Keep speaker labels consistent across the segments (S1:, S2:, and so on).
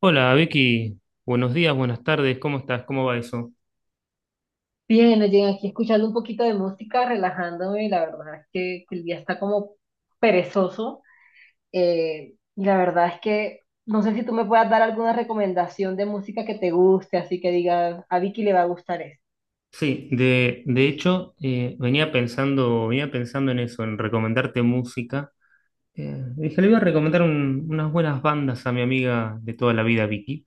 S1: Hola Vicky, buenos días, buenas tardes, ¿cómo estás? ¿Cómo va eso?
S2: Bien, llegué aquí escuchando un poquito de música, relajándome, la verdad es que el día está como perezoso. Y la verdad es que no sé si tú me puedas dar alguna recomendación de música que te guste, así que digas, a Vicky le va a gustar esto.
S1: Sí, de hecho venía pensando en eso, en recomendarte música. Dije, le voy a recomendar unas buenas bandas a mi amiga de toda la vida, Vicky.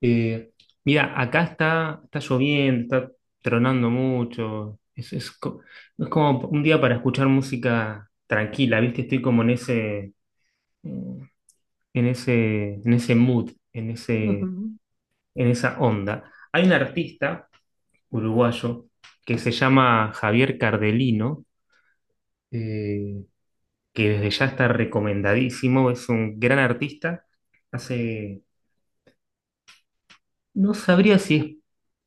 S1: Eh, Mira, acá está, está lloviendo, está tronando mucho, es como un día para escuchar música tranquila, ¿viste? Estoy como en eh, en ese mood,
S2: Ujú,
S1: en esa onda. Hay un artista uruguayo que se llama Javier Cardelino, eh, que desde ya está recomendadísimo, es un gran artista, hace, no sabría si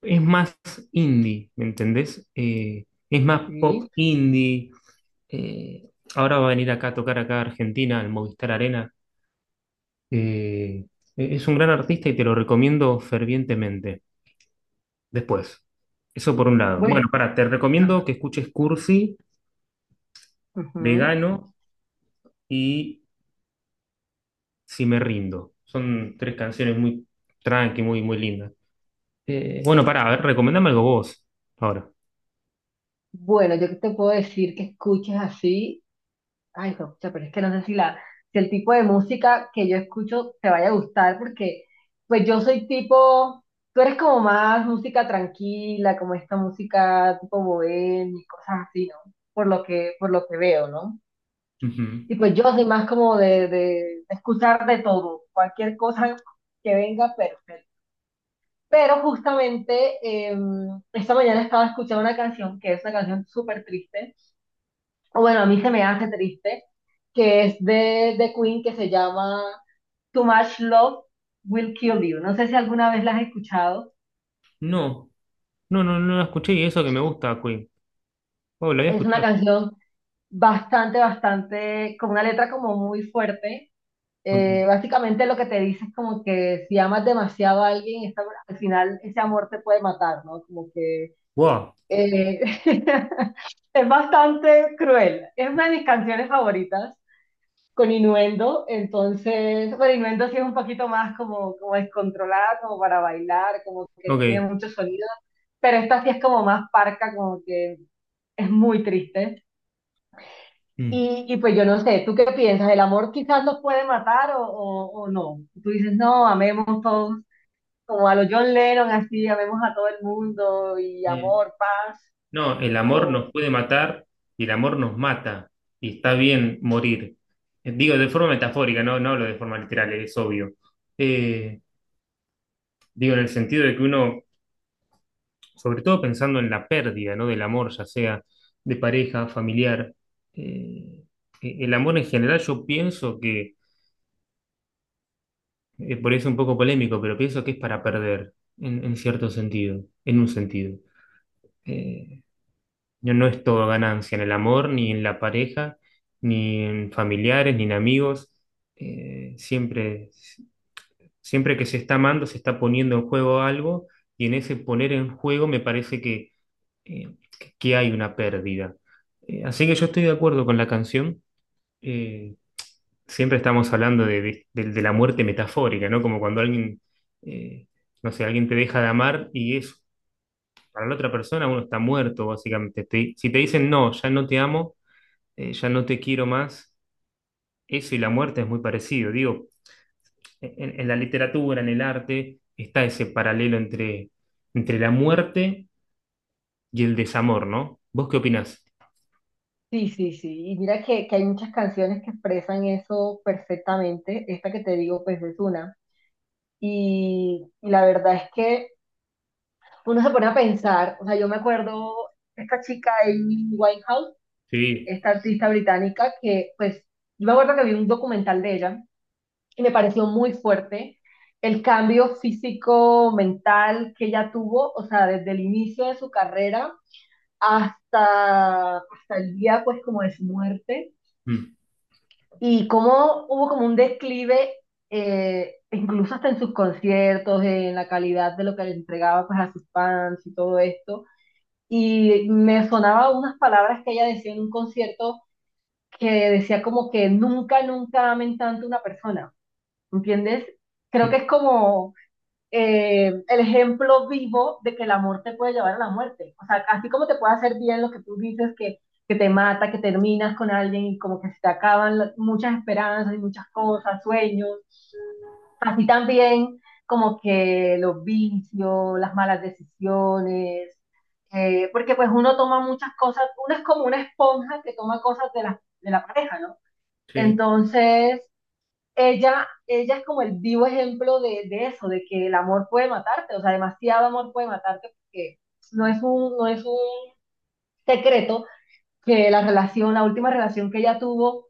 S1: es más indie, ¿me entendés? Es más pop
S2: sí.
S1: indie, eh, ahora va a venir acá a tocar acá a Argentina, al Movistar Arena. Eh, es un gran artista y te lo recomiendo fervientemente. Después. Eso por un lado.
S2: Bueno,
S1: Bueno, para, te
S2: ah,
S1: recomiendo que escuches Cursi,
S2: ujú.
S1: Vegano y Si me rindo. Son tres canciones muy tranqui, muy, muy lindas. Bueno, para, a ver, recomendame algo vos ahora.
S2: Bueno, yo que te puedo decir que escuches así. Ay, hijo de pucha, pero es que no sé si el tipo de música que yo escucho te vaya a gustar, porque pues yo soy tipo, tú eres como más música tranquila, como esta música tipo bohemia y cosas así, ¿no? Por por lo que veo, ¿no?
S1: Ujú.
S2: Y pues yo soy más como de escuchar de todo, cualquier cosa que venga, perfecto. Pero justamente eh, esta mañana estaba escuchando una canción que es una canción súper triste o bueno, a mí se me hace triste, que es de Queen, que se llama Too Much Love Will Kill You. No sé si alguna vez la has escuchado.
S1: No, no, no, no la escuché y eso que me gusta, Queen. Oh, la voy a
S2: Es una
S1: escuchar.
S2: canción bastante, con una letra como muy fuerte.
S1: Ok.
S2: Básicamente lo que te dice es como que si amas demasiado a alguien, al final ese amor te puede matar, ¿no? Como que
S1: Wow.
S2: eh, es bastante cruel. Es una de mis canciones favoritas. Con Innuendo, entonces, bueno, Innuendo sí es un poquito más como, como descontrolada, como para bailar, como que tiene
S1: Ok.
S2: mucho sonido, pero esta sí es como más parca, como que es muy triste.
S1: Mm.
S2: Y pues yo no sé, ¿tú qué piensas? ¿El amor quizás nos puede matar o no? Tú dices, no, amemos todos, como a los John Lennon, así, amemos a todo el mundo y
S1: Eh,
S2: amor, paz,
S1: No, el amor
S2: o...
S1: nos puede matar y el amor nos mata y está bien morir. Digo de forma metafórica, no, no hablo de forma literal, es obvio. Eh, Digo en el sentido de que uno, sobre todo pensando en la pérdida, ¿no? Del amor, ya sea de pareja, familiar, eh, el amor en general yo pienso que, por eso es un poco polémico, pero pienso que es para perder, en cierto sentido, en un sentido. Eh, No, no es todo ganancia en el amor, ni en la pareja, ni en familiares, ni en amigos. Siempre, siempre que se está amando, se está poniendo en juego algo, y en ese poner en juego me parece que, que hay una pérdida. Así que yo estoy de acuerdo con la canción. Eh, Siempre estamos hablando de la muerte metafórica, ¿no? Como cuando alguien, eh, no sé, alguien te deja de amar y es para la otra persona uno está muerto, básicamente. Si te dicen no, ya no te amo ya no te quiero más, eso y la muerte es muy parecido. Digo, en la literatura, en el arte, está ese paralelo entre, entre la muerte y el desamor, ¿no? ¿Vos qué opinás?
S2: Sí, sí, sí. Y mira que hay muchas canciones que expresan eso perfectamente. Esta que te digo, pues es una. Y la verdad es que uno se pone a pensar, o sea, yo me acuerdo esta chica Amy Winehouse,
S1: Sí.
S2: esta artista británica que, pues, yo me acuerdo que vi un documental de ella y me pareció muy fuerte el cambio físico, mental que ella tuvo, o sea, desde el inicio de su carrera hasta el día, pues, como de su muerte.
S1: Mm.
S2: Y cómo hubo como un declive, incluso hasta en sus conciertos, en la calidad de lo que le entregaba pues, a sus fans y todo esto. Y me sonaba unas palabras que ella decía en un concierto que decía como que nunca amen tanto a una persona, ¿entiendes? Creo que
S1: Mm.
S2: es como el ejemplo vivo de que el amor te puede llevar a la muerte. O sea, así como te puede hacer bien lo que tú dices, que te mata, que terminas con alguien y como que se te acaban muchas esperanzas y muchas cosas, sueños, así también como que los vicios, las malas decisiones, porque pues uno toma muchas cosas, uno es como una esponja que toma cosas de de la pareja, ¿no?
S1: Sí.
S2: Entonces, ella es como el vivo ejemplo de eso, de que el amor puede matarte, o sea, demasiado amor puede matarte porque no es no es un secreto que la última relación que ella tuvo,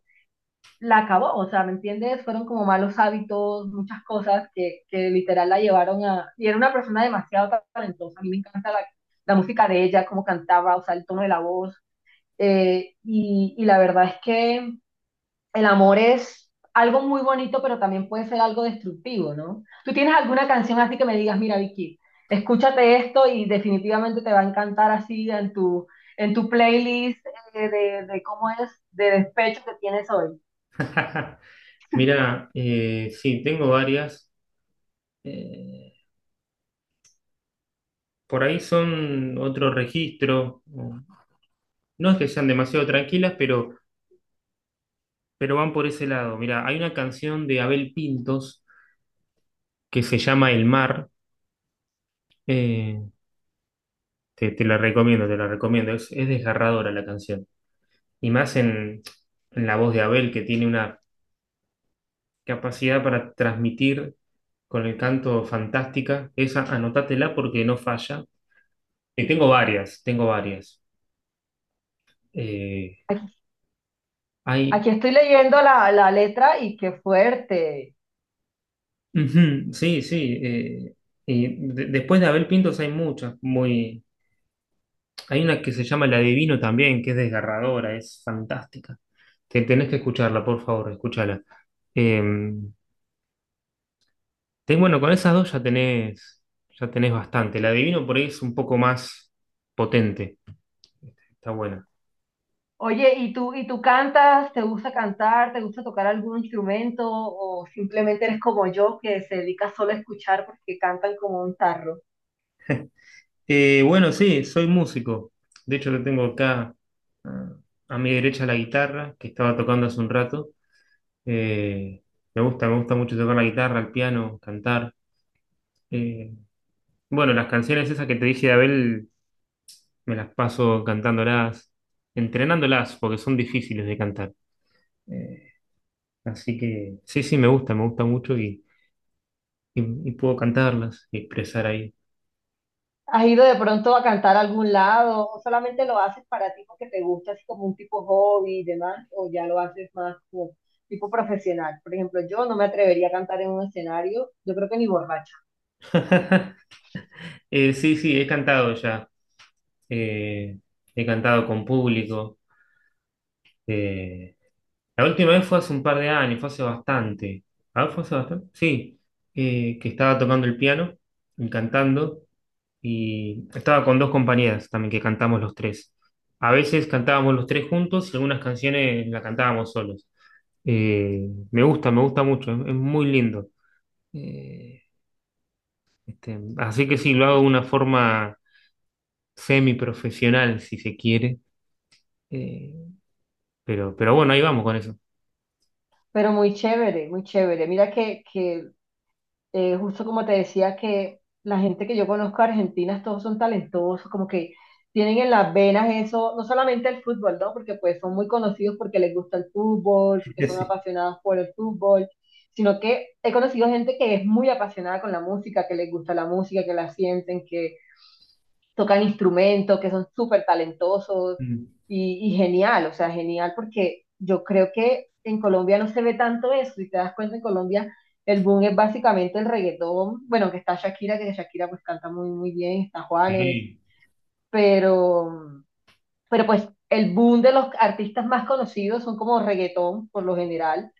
S2: la acabó, o sea, ¿me entiendes? Fueron como malos hábitos, muchas cosas que literal la llevaron a... Y era una persona demasiado talentosa, a mí me encanta la música de ella, cómo cantaba, o sea, el tono de la voz, y la verdad es que el amor es algo muy bonito, pero también puede ser algo destructivo, ¿no? ¿Tú tienes alguna canción así que me digas, mira, Vicky, escúchate esto y definitivamente te va a encantar así en tu playlist de cómo es, de despecho que tienes hoy?
S1: Mira, sí, tengo varias. Eh, por ahí son otro registro. No es que sean demasiado tranquilas, pero van por ese lado. Mira, hay una canción de Abel Pintos que se llama El Mar. Eh, Te, te la recomiendo, te la recomiendo. Es desgarradora la canción. Y más en la voz de Abel, que tiene una capacidad para transmitir con el canto fantástica. Esa, anótatela porque no falla. Y tengo varias, tengo varias. Eh, hay.
S2: Aquí estoy leyendo la letra y qué fuerte.
S1: Ujú, sí, sí. Y después de Abel Pintos hay muchas. Muy, hay una que se llama La Divino también, que es desgarradora, es fantástica. Te, tenés que escucharla, por favor, escúchala. Eh, bueno, con esas dos ya tenés bastante. La adivino por ahí es un poco más potente. Está buena.
S2: Oye, ¿y y tú cantas? ¿Te gusta cantar? ¿Te gusta tocar algún instrumento? ¿O simplemente eres como yo que se dedica solo a escuchar porque cantan como un tarro?
S1: Bueno, sí, soy músico. De hecho, lo tengo acá ah, a mi derecha la guitarra, que estaba tocando hace un rato. Eh, Me gusta, me gusta mucho tocar la guitarra, el piano, cantar. Eh, bueno, las canciones esas que te dije de Abel, me las paso cantándolas, entrenándolas, porque son difíciles de cantar. Eh, Así que sí, sí, me gusta mucho y puedo cantarlas y expresar ahí.
S2: ¿Has ido de pronto a cantar a algún lado o solamente lo haces para ti porque te gusta así como un tipo hobby y demás o ya lo haces más como tipo profesional? Por ejemplo, yo no me atrevería a cantar en un escenario, yo creo que ni borracha,
S1: Sí, sí, he cantado ya. Eh, He cantado con público. Eh, la última vez fue hace un par de años, fue hace bastante. Ah, fue hace bastante. Sí, que estaba tocando el piano y cantando. Y estaba con dos compañeras también que cantamos los tres. A veces cantábamos los tres juntos y algunas canciones las cantábamos solos. Me gusta, me gusta mucho, es muy lindo. Eh, Así que sí, lo hago de una forma semiprofesional, si se quiere. Eh, pero bueno, ahí vamos con eso.
S2: pero muy chévere, muy chévere. Mira que justo como te decía que la gente que yo conozco argentinas, todos son talentosos, como que tienen en las venas eso, no solamente el fútbol, ¿no? Porque pues son muy conocidos porque les gusta el fútbol, porque son
S1: Sí.
S2: apasionados por el fútbol, sino que he conocido gente que es muy apasionada con la música, que les gusta la música, que la sienten, que tocan instrumentos, que son súper talentosos
S1: Mm,
S2: y genial, o sea, genial porque yo creo que en Colombia no se ve tanto eso, si te das cuenta en Colombia el boom es básicamente el reggaetón, bueno, que está Shakira, que Shakira pues canta muy bien, está Juanes,
S1: sí.
S2: pero, pero pues el boom de los artistas más conocidos son como reggaetón por lo general,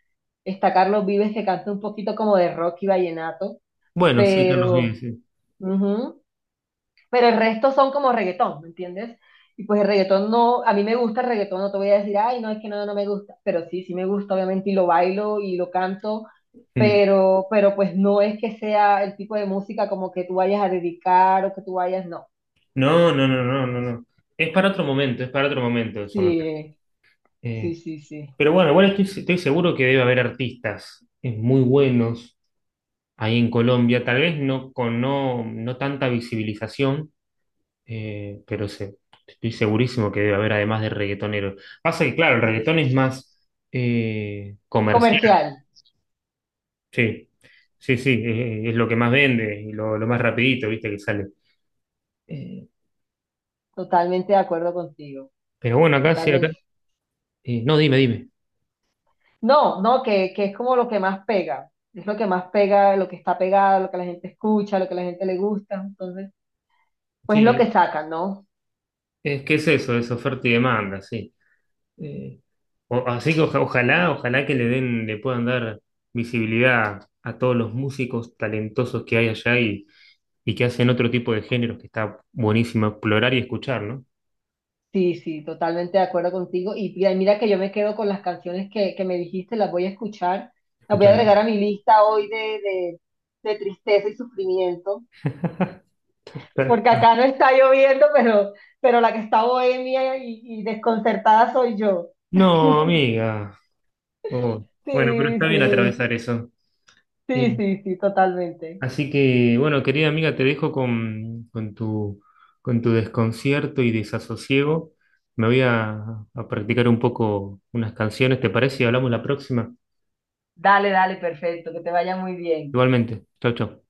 S2: está Carlos Vives que canta un poquito como de rock y vallenato,
S1: Bueno, sí, Carlos
S2: pero...
S1: Vives, sí.
S2: ujú, pero el resto son como reggaetón, ¿me entiendes? Y pues el reggaetón no, a mí me gusta el reggaetón, no te voy a decir, ay, no, es que no me gusta, pero sí, sí me gusta, obviamente, y lo bailo y lo canto,
S1: Mm.
S2: pero pues no es que sea el tipo de música como que tú vayas a dedicar o que tú vayas, no.
S1: No, no, no, no, no, no. Es para otro momento, es para otro momento eso me parece.
S2: Sí, sí,
S1: Eh,
S2: sí, sí,
S1: pero bueno, igual estoy, estoy seguro que debe haber artistas muy buenos ahí en Colombia, tal vez no con no, no tanta visibilización. Eh, pero se- Estoy segurísimo que debe haber además de reggaetonero. Pasa que, claro, el
S2: sí.
S1: reggaetón es más comercial.
S2: Comercial,
S1: Sí, sí, sí, es lo que más vende y lo más rapidito, viste, que sale. Eh,
S2: totalmente de acuerdo contigo,
S1: pero bueno, acá sí, acá.
S2: totalmente.
S1: No, dime, dime.
S2: No, no, que es como lo que más pega, es lo que más pega, lo que está pegado, lo que la gente escucha, lo que la gente le gusta, entonces, pues es lo
S1: Sí,
S2: que sacan, ¿no?
S1: es que es eso, es oferta y demanda, sí. Eh, Así que ojalá, ojalá que le den, le puedan dar visibilidad a todos los músicos talentosos que hay allá y que hacen otro tipo de géneros que está buenísimo explorar y escuchar, ¿no?
S2: Sí, sí, totalmente de acuerdo contigo. Y mira que yo me quedo con las canciones que me dijiste, las voy a escuchar, las voy a
S1: Escúchame.
S2: agregar a mi lista hoy de tristeza y sufrimiento, porque acá no está lloviendo, pero la que está bohemia y desconcertada soy yo.
S1: No, amiga. Oh, bueno, pero
S2: Sí,
S1: está bien
S2: sí,
S1: atravesar eso. Eh,
S2: sí, sí, sí, totalmente.
S1: Así que, bueno, querida amiga, te dejo con tu desconcierto y desasosiego. Me voy a practicar un poco unas canciones, ¿te parece? Y hablamos la próxima.
S2: Dale, dale, perfecto, que te vaya muy bien.
S1: Igualmente. Chau, chau.